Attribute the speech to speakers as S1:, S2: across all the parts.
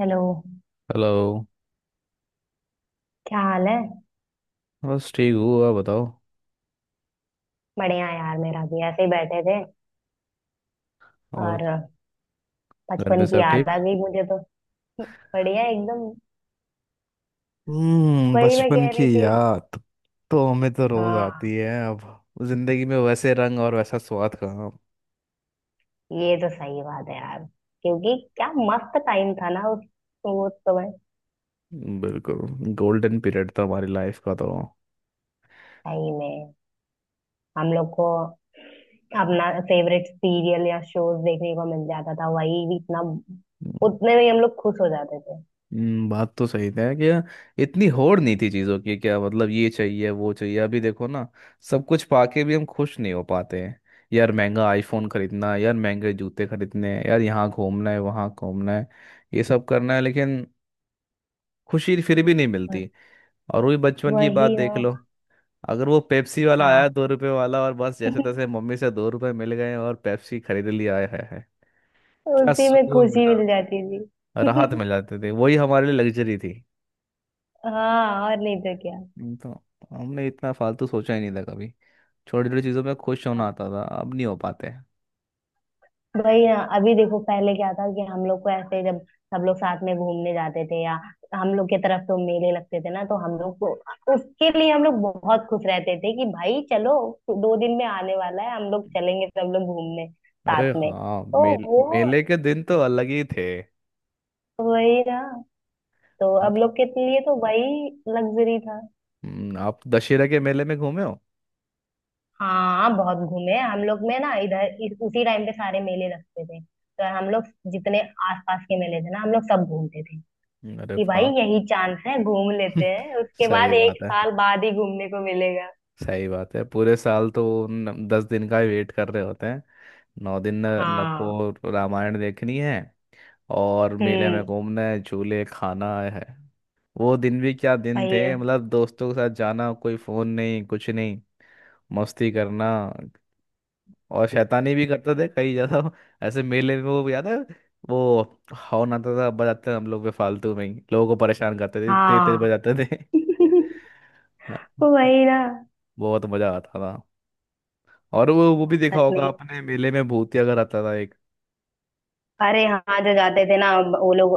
S1: Hello.
S2: Hello.
S1: क्या हाल है?
S2: बस ठीक हूँ आप बताओ।
S1: बढ़िया यार, मेरा भी ऐसे ही बैठे थे।
S2: और
S1: और
S2: घर में
S1: बचपन की
S2: सब
S1: याद
S2: ठीक।
S1: आ गई मुझे तो। बढ़िया एकदम।
S2: हम्म,
S1: वही मैं
S2: बचपन
S1: कह
S2: की
S1: रही थी।
S2: याद। तो हमें तो रोज आती
S1: हाँ,
S2: है, अब जिंदगी में वैसे रंग और वैसा स्वाद कहाँ।
S1: ये तो सही बात है यार। क्योंकि क्या मस्त टाइम था ना, उस वो समय।
S2: बिल्कुल गोल्डन पीरियड था हमारी लाइफ का तो।
S1: सही में। हम लोग को अपना फेवरेट सीरियल या शोज देखने को मिल जाता था, वही भी इतना। उतने में ही हम लोग खुश हो जाते थे।
S2: बात तो सही है कि इतनी होड़ नहीं थी चीज़ों की, क्या मतलब ये चाहिए वो चाहिए, अभी देखो ना। सब कुछ पाके भी हम खुश नहीं हो पाते हैं। यार महंगा आईफोन खरीदना है, यार महंगे जूते खरीदने हैं, यार यहाँ घूमना है वहाँ घूमना है। ये सब करना है लेकिन खुशी फिर भी नहीं
S1: बस।
S2: मिलती। और वही बचपन की बात
S1: वही
S2: देख
S1: ना।
S2: लो। अगर वो पेप्सी वाला
S1: हाँ।
S2: आया दो रुपए वाला, और बस जैसे तैसे मम्मी से दो रुपए मिल गए और पेप्सी खरीद लिया है। क्या
S1: उसी में
S2: सुकून
S1: खुशी
S2: मिला।
S1: मिल जाती
S2: राहत
S1: थी।
S2: मिल जाती थी, वही हमारे लिए लग्जरी थी।
S1: हाँ, और नहीं तो क्या।
S2: नहीं तो हमने इतना फालतू सोचा ही नहीं था कभी। छोटी छोटी चीज़ों पे खुश होना
S1: हाँ।
S2: आता था, अब नहीं हो पाते।
S1: वही ना, अभी देखो पहले क्या था कि हम लोग को ऐसे जब सब लोग साथ में घूमने जाते थे, या हम लोग के तरफ तो मेले लगते थे ना, तो हम लोग को उसके लिए हम लोग बहुत खुश रहते थे कि भाई चलो 2 दिन में आने वाला है, हम लोग चलेंगे सब लोग घूमने
S2: अरे
S1: साथ में,
S2: हाँ,
S1: तो वो।
S2: मेले के दिन तो अलग ही थे।
S1: वही ना। तो
S2: आप
S1: अब लोग के लिए तो वही लग्जरी था।
S2: आप दशहरा के मेले में घूमे हो।
S1: हाँ, बहुत घूमे हम लोग में ना, इधर उसी टाइम पे सारे मेले लगते थे, तो हम लोग जितने आसपास के मेले थे ना हम लोग सब घूमते थे,
S2: अरे
S1: कि भाई
S2: वाह।
S1: यही चांस है घूम लेते हैं, उसके बाद
S2: सही
S1: एक
S2: बात है।
S1: साल बाद ही घूमने को मिलेगा।
S2: सही बात है, पूरे साल तो न, दस दिन का ही वेट कर रहे होते हैं। नौ दिन न, न
S1: हाँ।
S2: को रामायण देखनी है और मेले में
S1: हम्म।
S2: घूमना है, झूले खाना है। वो दिन भी क्या दिन थे,
S1: वही ना।
S2: मतलब दोस्तों के साथ जाना, कोई फोन नहीं कुछ नहीं। मस्ती करना, और शैतानी भी करते थे कई ज्यादा। ऐसे मेले में, वो याद है, वो हॉर्न आता था, बजाते थे हम लोग बेफालतू में ही, लोगों को परेशान करते थे, तेज तेज
S1: हाँ।
S2: बजाते थे। हाँ,
S1: वही ना,
S2: बहुत मजा आता था। और वो भी
S1: यार
S2: देखा
S1: सच
S2: होगा
S1: में।
S2: आपने, मेले में भूतिया घर आता था एक।
S1: अरे हाँ, जो जाते थे ना वो लोग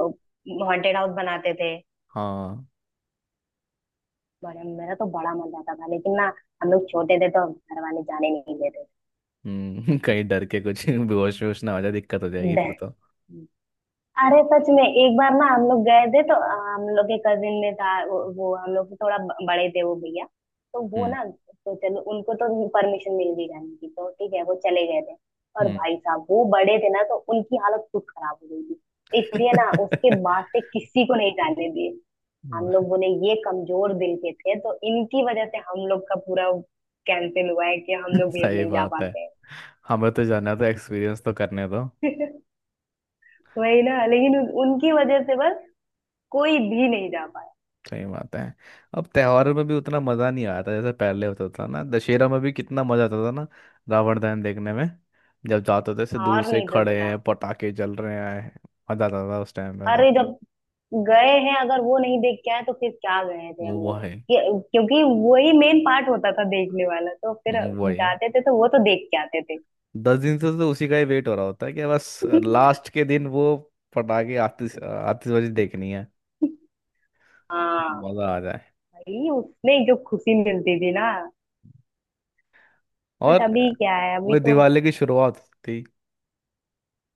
S1: हॉन्टेड हाउस बनाते थे।
S2: हाँ।
S1: बड़े मेरा तो बड़ा मन जाता था, लेकिन ना हम लोग छोटे थे तो घर वाले जाने नहीं देते
S2: हम्म। कहीं डर के कुछ बेहोश वेहोश ना हो जाए, दिक्कत हो जाएगी फिर तो।
S1: थे। अरे सच में, एक बार ना हम लोग गए थे तो हम लोग के कजिन में था वो हम लोग से थोड़ा बड़े थे वो भैया, तो वो
S2: हम्म।
S1: ना तो चलो उनको तो परमिशन मिल गई जाने की, तो ठीक है वो चले गए थे। और
S2: हम्म।
S1: भाई साहब वो बड़े थे ना, तो उनकी हालत खुद खराब हो गई थी। इसलिए ना उसके बाद से किसी को नहीं जाने दिए। हम लोग बोले ये कमजोर दिल के थे, तो इनकी वजह से हम लोग का पूरा कैंसिल हुआ है, कि हम लोग भी अब
S2: सही
S1: नहीं जा
S2: बात है।
S1: पाते
S2: हमें तो जाना था, एक्सपीरियंस तो करने दो।
S1: हैं। वही ना, लेकिन उनकी वजह से बस कोई भी नहीं जा पाता।
S2: सही बात है। अब त्योहारों में भी उतना मजा नहीं आता जैसे पहले होता था ना। दशहरा में भी कितना मजा आता था ना, रावण दहन देखने में। जब जाते थे, से दूर
S1: और
S2: से
S1: नहीं तो
S2: खड़े
S1: क्या।
S2: हैं, पटाखे जल रहे हैं। मजा आता था उस टाइम में तो।
S1: अरे जब गए हैं, अगर वो नहीं देख के आए तो फिर क्या गए थे हम
S2: वो
S1: लोग।
S2: है।
S1: ये- क्योंकि वही मेन पार्ट होता था देखने वाला, तो फिर
S2: वो है।
S1: जाते थे तो वो तो देख के आते थे।
S2: दस दिन से तो उसी का ही वेट हो रहा होता है कि बस लास्ट के दिन वो पटाखे, आतिशबाजी देखनी है।
S1: हाँ,
S2: मजा आ जाए।
S1: भाई उसमें जो खुशी मिलती थी ना। बट
S2: और
S1: अभी क्या है, अभी
S2: वो
S1: तो।
S2: दिवाली की शुरुआत थी,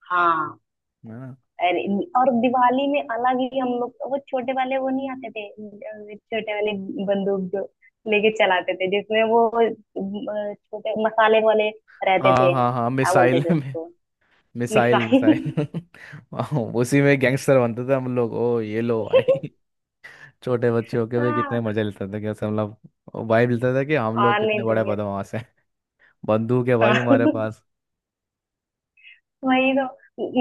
S1: हाँ।
S2: है ना।
S1: अरे, और दिवाली में अलग ही, हम लोग वो छोटे वाले वो नहीं आते थे, छोटे वाले बंदूक जो लेके चलाते थे जिसमें वो छोटे मसाले वाले रहते
S2: हाँ
S1: थे,
S2: हाँ हाँ,
S1: क्या बोलते
S2: मिसाइल।
S1: थे उसको।
S2: Missile missile.
S1: मिसाइल।
S2: वाह, उसी में गैंगस्टर बनते थे हम लोग, ओ ये लो भाई। छोटे बच्चे होके भी कितने
S1: हाँ,
S2: मजे लेते थे, कैसे हम लोग वाइब लेते थे कि हम
S1: और
S2: लोग
S1: नहीं
S2: कितने
S1: तो
S2: बड़े
S1: क्या।
S2: बदमाश हैं। बंदूक है भाई
S1: हाँ,
S2: हमारे पास।
S1: वही तो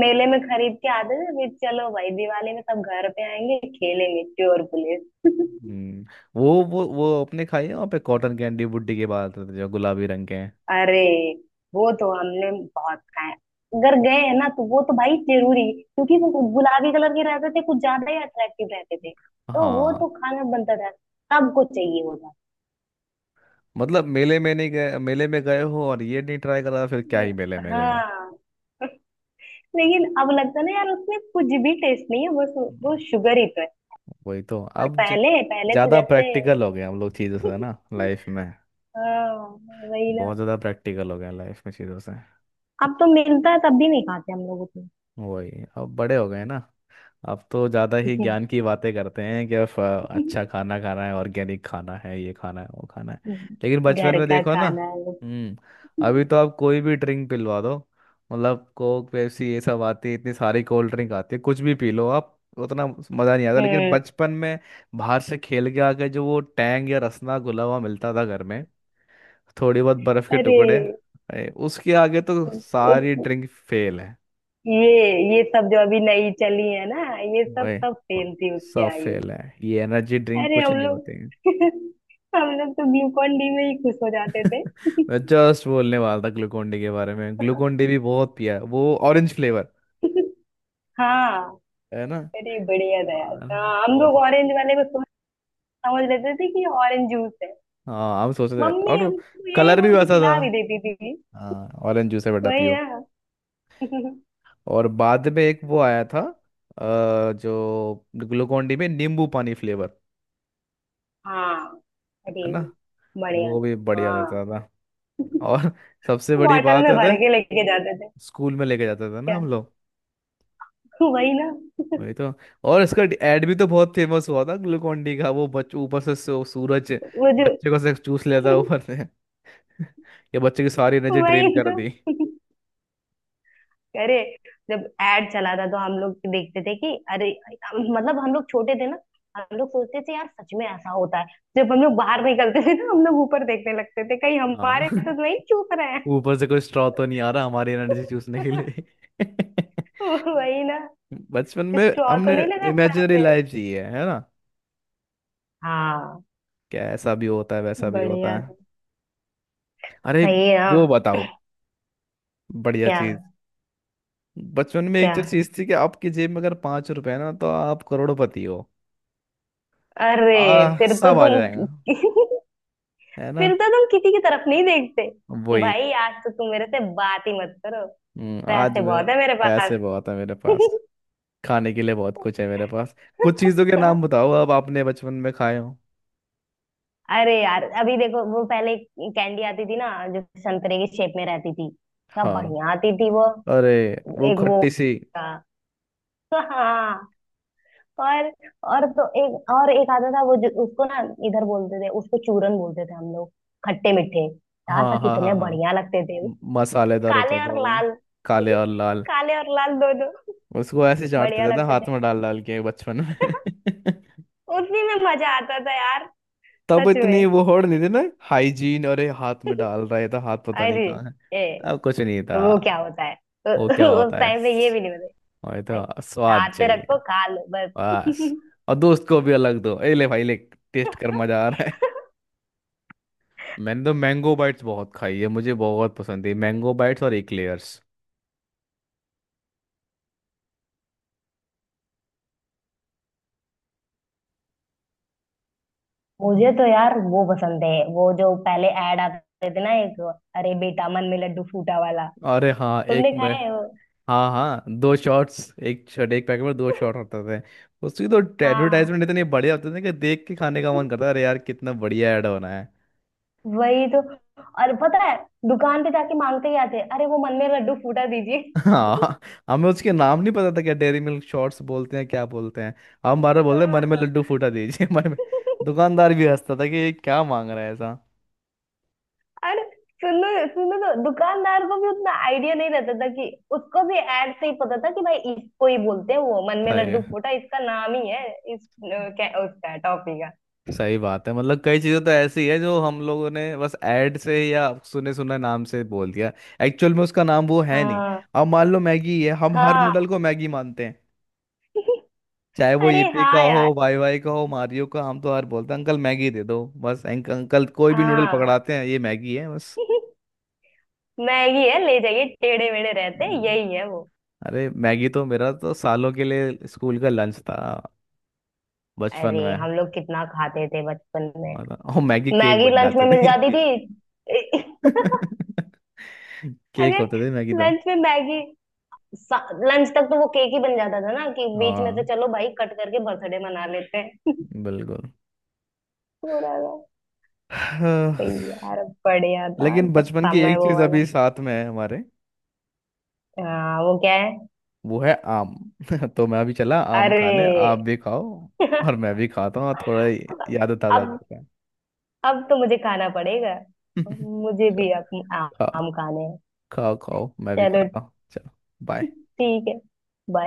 S1: मेले में खरीद के आते थे, फिर चलो भाई दिवाली में सब घर पे आएंगे, खेलेंगे चोर पुलिस।
S2: हम्म। वो अपने खाई है वहाँ पे, कॉटन कैंडी बुड्डी के बाद आते थे जो गुलाबी रंग के हैं।
S1: अरे वो तो हमने बहुत खाए। अगर गए हैं ना तो वो तो भाई जरूरी, क्योंकि वो गुलाबी कलर के रहते थे, कुछ ज्यादा ही अट्रैक्टिव रहते थे, तो वो
S2: हाँ।
S1: तो खाना बनता था, सबको चाहिए होता।
S2: मतलब मेले में नहीं गए, मेले में गए हो और ये नहीं ट्राई करा, फिर क्या ही मेले में गए हो।
S1: हाँ, लेकिन अब लगता है ना यार उसमें कुछ भी टेस्ट नहीं है, बस वो
S2: हम्म,
S1: शुगर ही।
S2: वही तो।
S1: पर
S2: अब
S1: पहले पहले तो
S2: ज्यादा
S1: जैसे।
S2: प्रैक्टिकल हो गए हम लोग चीजों से ना लाइफ में।
S1: हाँ, वही ना।
S2: बहुत ज़्यादा प्रैक्टिकल हो गया लाइफ में चीज़ों से।
S1: अब तो मिलता है तब भी नहीं खाते हम लोग उतना।
S2: वही, अब बड़े हो गए ना। अब तो ज़्यादा ही ज्ञान की बातें करते हैं कि अब अच्छा खाना खाना है, ऑर्गेनिक खाना है, ये खाना है वो खाना है। लेकिन बचपन
S1: घर
S2: में
S1: का
S2: देखो ना।
S1: खाना।
S2: हम्म। अभी तो आप कोई भी ड्रिंक पिलवा दो, मतलब कोक पेप्सी ये सब आती है, इतनी सारी कोल्ड ड्रिंक आती है, कुछ भी पी लो आप, उतना मज़ा नहीं आता। लेकिन
S1: हम्म।
S2: बचपन में बाहर से खेल के आके जो वो टैंग या रसना घुला हुआ मिलता था घर में, थोड़ी बहुत बर्फ के
S1: अरे
S2: टुकड़े, उसके आगे तो
S1: उस
S2: सारी ड्रिंक फेल है।
S1: ये ये सब जो अभी नई चली है ना, ये सब
S2: वही,
S1: सब फेल थी उसके
S2: सब
S1: आगे।
S2: फेल है। ये एनर्जी ड्रिंक
S1: अरे
S2: कुछ
S1: हम
S2: नहीं
S1: लोग।
S2: होते हैं।
S1: हम लोग तो ग्लूकॉन डी में ही खुश हो जाते थे।
S2: मैं जस्ट बोलने वाला था ग्लूकोन डी के बारे में, ग्लूकोन डी भी बहुत पिया है, वो ऑरेंज फ्लेवर,
S1: हाँ,
S2: है ना।
S1: अरे बढ़िया था यार।
S2: हाँ,
S1: हाँ, हम
S2: बहुत
S1: लोग
S2: हो गया।
S1: ऑरेंज वाले को सोच समझ लेते थे कि ऑरेंज जूस है।
S2: हाँ, हम सोच रहे थे,
S1: मम्मी
S2: और
S1: हमको यही
S2: कलर भी
S1: बोल के
S2: वैसा था।
S1: पिला भी देती थी।
S2: हाँ, ऑरेंज जूस है बेटा
S1: वही
S2: पियो।
S1: ना।
S2: और बाद में एक वो आया था, जो ग्लूकोन डी में नींबू पानी फ्लेवर,
S1: हाँ,
S2: है
S1: अरे
S2: ना।
S1: बढ़िया।
S2: वो भी बढ़िया रहता
S1: हाँ,
S2: था। और सबसे बड़ी
S1: बॉटल
S2: बात
S1: में
S2: है,
S1: भर के लेके जाते थे।
S2: स्कूल में लेके जाते थे ना
S1: क्या।
S2: हम लोग।
S1: वही ना,
S2: वही तो। और इसका एड भी तो बहुत फेमस हुआ था ग्लूकोन डी का, वो बच्चे ऊपर से सूरज
S1: वो जो।
S2: बच्चे को से चूस लेता है ऊपर से। ये बच्चे की सारी एनर्जी ड्रेन
S1: वही
S2: कर
S1: तो।
S2: दी।
S1: अरे जब एड चला था तो हम लोग देखते थे कि अरे, मतलब हम लोग छोटे थे ना, हम लोग सोचते थे यार सच में ऐसा होता है। जब हम लोग बाहर निकलते थे ना हम लोग ऊपर देखने लगते थे, कहीं
S2: हाँ।
S1: हमारे तो नहीं चूक रहे हैं।
S2: ऊपर से कोई स्ट्रॉ तो नहीं आ रहा हमारी एनर्जी चूसने के लिए।
S1: वही ना,
S2: बचपन में
S1: स्ट्रॉ तो
S2: हमने
S1: नहीं लगा सर
S2: इमेजिनरी
S1: पे।
S2: लाइफ जी है ना।
S1: हाँ,
S2: क्या ऐसा भी होता है, वैसा भी होता
S1: बढ़िया
S2: है।
S1: था
S2: अरे
S1: भाई
S2: वो
S1: ना।
S2: बताओ, बढ़िया
S1: क्या।
S2: चीज। बचपन में
S1: क्या।
S2: एक चीज थी कि आपकी जेब में अगर पांच रुपए है ना, तो आप करोड़पति हो।
S1: अरे फिर तो
S2: सब आ जाएगा,
S1: तुम।
S2: है ना।
S1: फिर तो तुम किसी की तरफ नहीं देखते।
S2: वही।
S1: भाई आज तो तुम मेरे से बात ही मत करो,
S2: आज
S1: पैसे
S2: मैं,
S1: बहुत है मेरे
S2: पैसे
S1: पास।
S2: बहुत है मेरे पास, खाने के लिए बहुत कुछ है मेरे पास। कुछ चीजों के नाम बताओ, अब आपने बचपन में खाए हो।
S1: अरे यार अभी देखो, वो पहले कैंडी आती थी ना जो संतरे की शेप में रहती थी, क्या
S2: हाँ।
S1: बढ़िया आती थी वो।
S2: अरे वो
S1: एक वो
S2: खट्टी सी।
S1: था। हाँ। और और तो एक और एक आता था, वो जो उसको ना इधर बोलते थे, उसको चूरन बोलते थे हम लोग, खट्टे मीठे। यार
S2: हाँ हाँ
S1: कितने
S2: हाँ हाँ।
S1: बढ़िया लगते थे वो।
S2: मसालेदार होता
S1: काले
S2: था
S1: और
S2: वो,
S1: लाल।
S2: काले और लाल।
S1: काले और लाल दोनों।
S2: उसको ऐसे चाटते
S1: बढ़िया
S2: थे ना,
S1: लगते थे।
S2: हाथ में डाल डाल के बचपन में।
S1: उसी में मजा आता था यार।
S2: तब
S1: सच
S2: इतनी
S1: में।
S2: वो होड़ नहीं थी ना हाइजीन, अरे हाथ में डाल रहा था, हाथ पता नहीं
S1: अरे।
S2: कहाँ है।
S1: ए,
S2: अब कुछ नहीं
S1: तो
S2: था,
S1: वो क्या होता है, तो।
S2: वो क्या
S1: उस
S2: होता है।
S1: टाइम पे ये भी नहीं होता।
S2: वही तो, स्वाद
S1: हाथ पे
S2: चाहिए
S1: रखो खा लो
S2: बस। और दोस्त को भी अलग दो, ए ले भाई ले,
S1: बस।
S2: टेस्ट कर, मजा आ रहा है। मैंने तो मैंगो बाइट्स बहुत खाई है, मुझे बहुत पसंद है मैंगो बाइट्स और एक्लेयर्स।
S1: मुझे तो यार वो पसंद है, वो जो पहले ऐड आते थे ना, एक अरे बेटा मन में लड्डू फूटा वाला,
S2: अरे हाँ, एक
S1: तुमने
S2: में।
S1: खाया है वो?
S2: हाँ हाँ, दो शॉट्स, एक शॉट, एक पैकेट में दो शॉट होते थे। उसकी तो
S1: हाँ,
S2: एडवर्टाइजमेंट इतनी बढ़िया होती थी कि देख के खाने का मन करता है, अरे यार कितना बढ़िया ऐड होना।
S1: वही तो। और पता है दुकान पे जाके मांगते ही आते, अरे वो मन में लड्डू फूटा दीजिए।
S2: हाँ। हमें उसके नाम नहीं पता था, क्या डेयरी मिल्क शॉट्स बोलते हैं, क्या बोलते हैं। हम बार बार बोलते हैं, मन में
S1: हाँ।
S2: लड्डू फूटा दीजिए। मन में, दुकानदार भी हंसता था कि ये क्या मांग रहा है ऐसा।
S1: अरे सुनो, सुनो तो दुकानदार को भी उतना आइडिया नहीं रहता था कि, उसको भी ऐड से ही पता था कि भाई इसको ही बोलते हैं, वो मन में
S2: सही
S1: लड्डू फूटा इसका नाम ही है। इस क्या उसका टॉफी का।
S2: सही बात है, मतलब कई चीज़ें तो ऐसी है जो हम लोगों ने बस ऐड से या सुने सुने नाम से बोल दिया, एक्चुअल में उसका नाम वो है नहीं।
S1: हाँ
S2: अब मान लो मैगी है, हम हर नूडल
S1: हाँ,
S2: को मैगी मानते हैं, चाहे वो
S1: अरे
S2: ईपी का
S1: हाँ
S2: हो,
S1: यार,
S2: वाई वाई का हो, मारियो का, हम तो हर बोलते हैं अंकल मैगी दे दो, बस अंकल कोई भी नूडल
S1: हाँ
S2: पकड़ाते हैं ये मैगी है
S1: मैगी है ले जाइए, टेढ़े मेढ़े रहते हैं
S2: बस।
S1: यही है वो।
S2: अरे मैगी तो मेरा तो सालों के लिए स्कूल का लंच था, बचपन
S1: अरे
S2: में।
S1: हम लोग कितना खाते थे बचपन में,
S2: मतलब, और मैगी केक
S1: मैगी
S2: बन
S1: लंच
S2: जाते
S1: में मिल जाती
S2: थे।
S1: थी।
S2: केक
S1: अगर
S2: होते थे मैगी तो।
S1: लंच में मैगी, लंच तक तो वो केक ही बन जाता था ना, कि बीच में से
S2: हाँ,
S1: चलो भाई कट करके बर्थडे मना लेते हैं।
S2: बिल्कुल।
S1: पूरा था।
S2: हाँ,
S1: तो यार बढ़िया था
S2: लेकिन
S1: तब,
S2: बचपन की
S1: समय
S2: एक
S1: वो
S2: चीज अभी
S1: वाला।
S2: साथ में है हमारे,
S1: हाँ वो क्या है?
S2: वो है आम। तो मैं अभी चला आम
S1: अरे।
S2: खाने, आप भी खाओ। और मैं भी खाता हूँ, और थोड़ा याद ताज़ा
S1: अब
S2: करते हैं।
S1: अब तो मुझे खाना पड़ेगा। मुझे
S2: चलो,
S1: भी अब
S2: खाओ
S1: आम खाने हैं।
S2: खाओ खाओ, मैं भी
S1: चलो,
S2: खाता हूँ, चलो। बाय।
S1: ठीक है। Bye.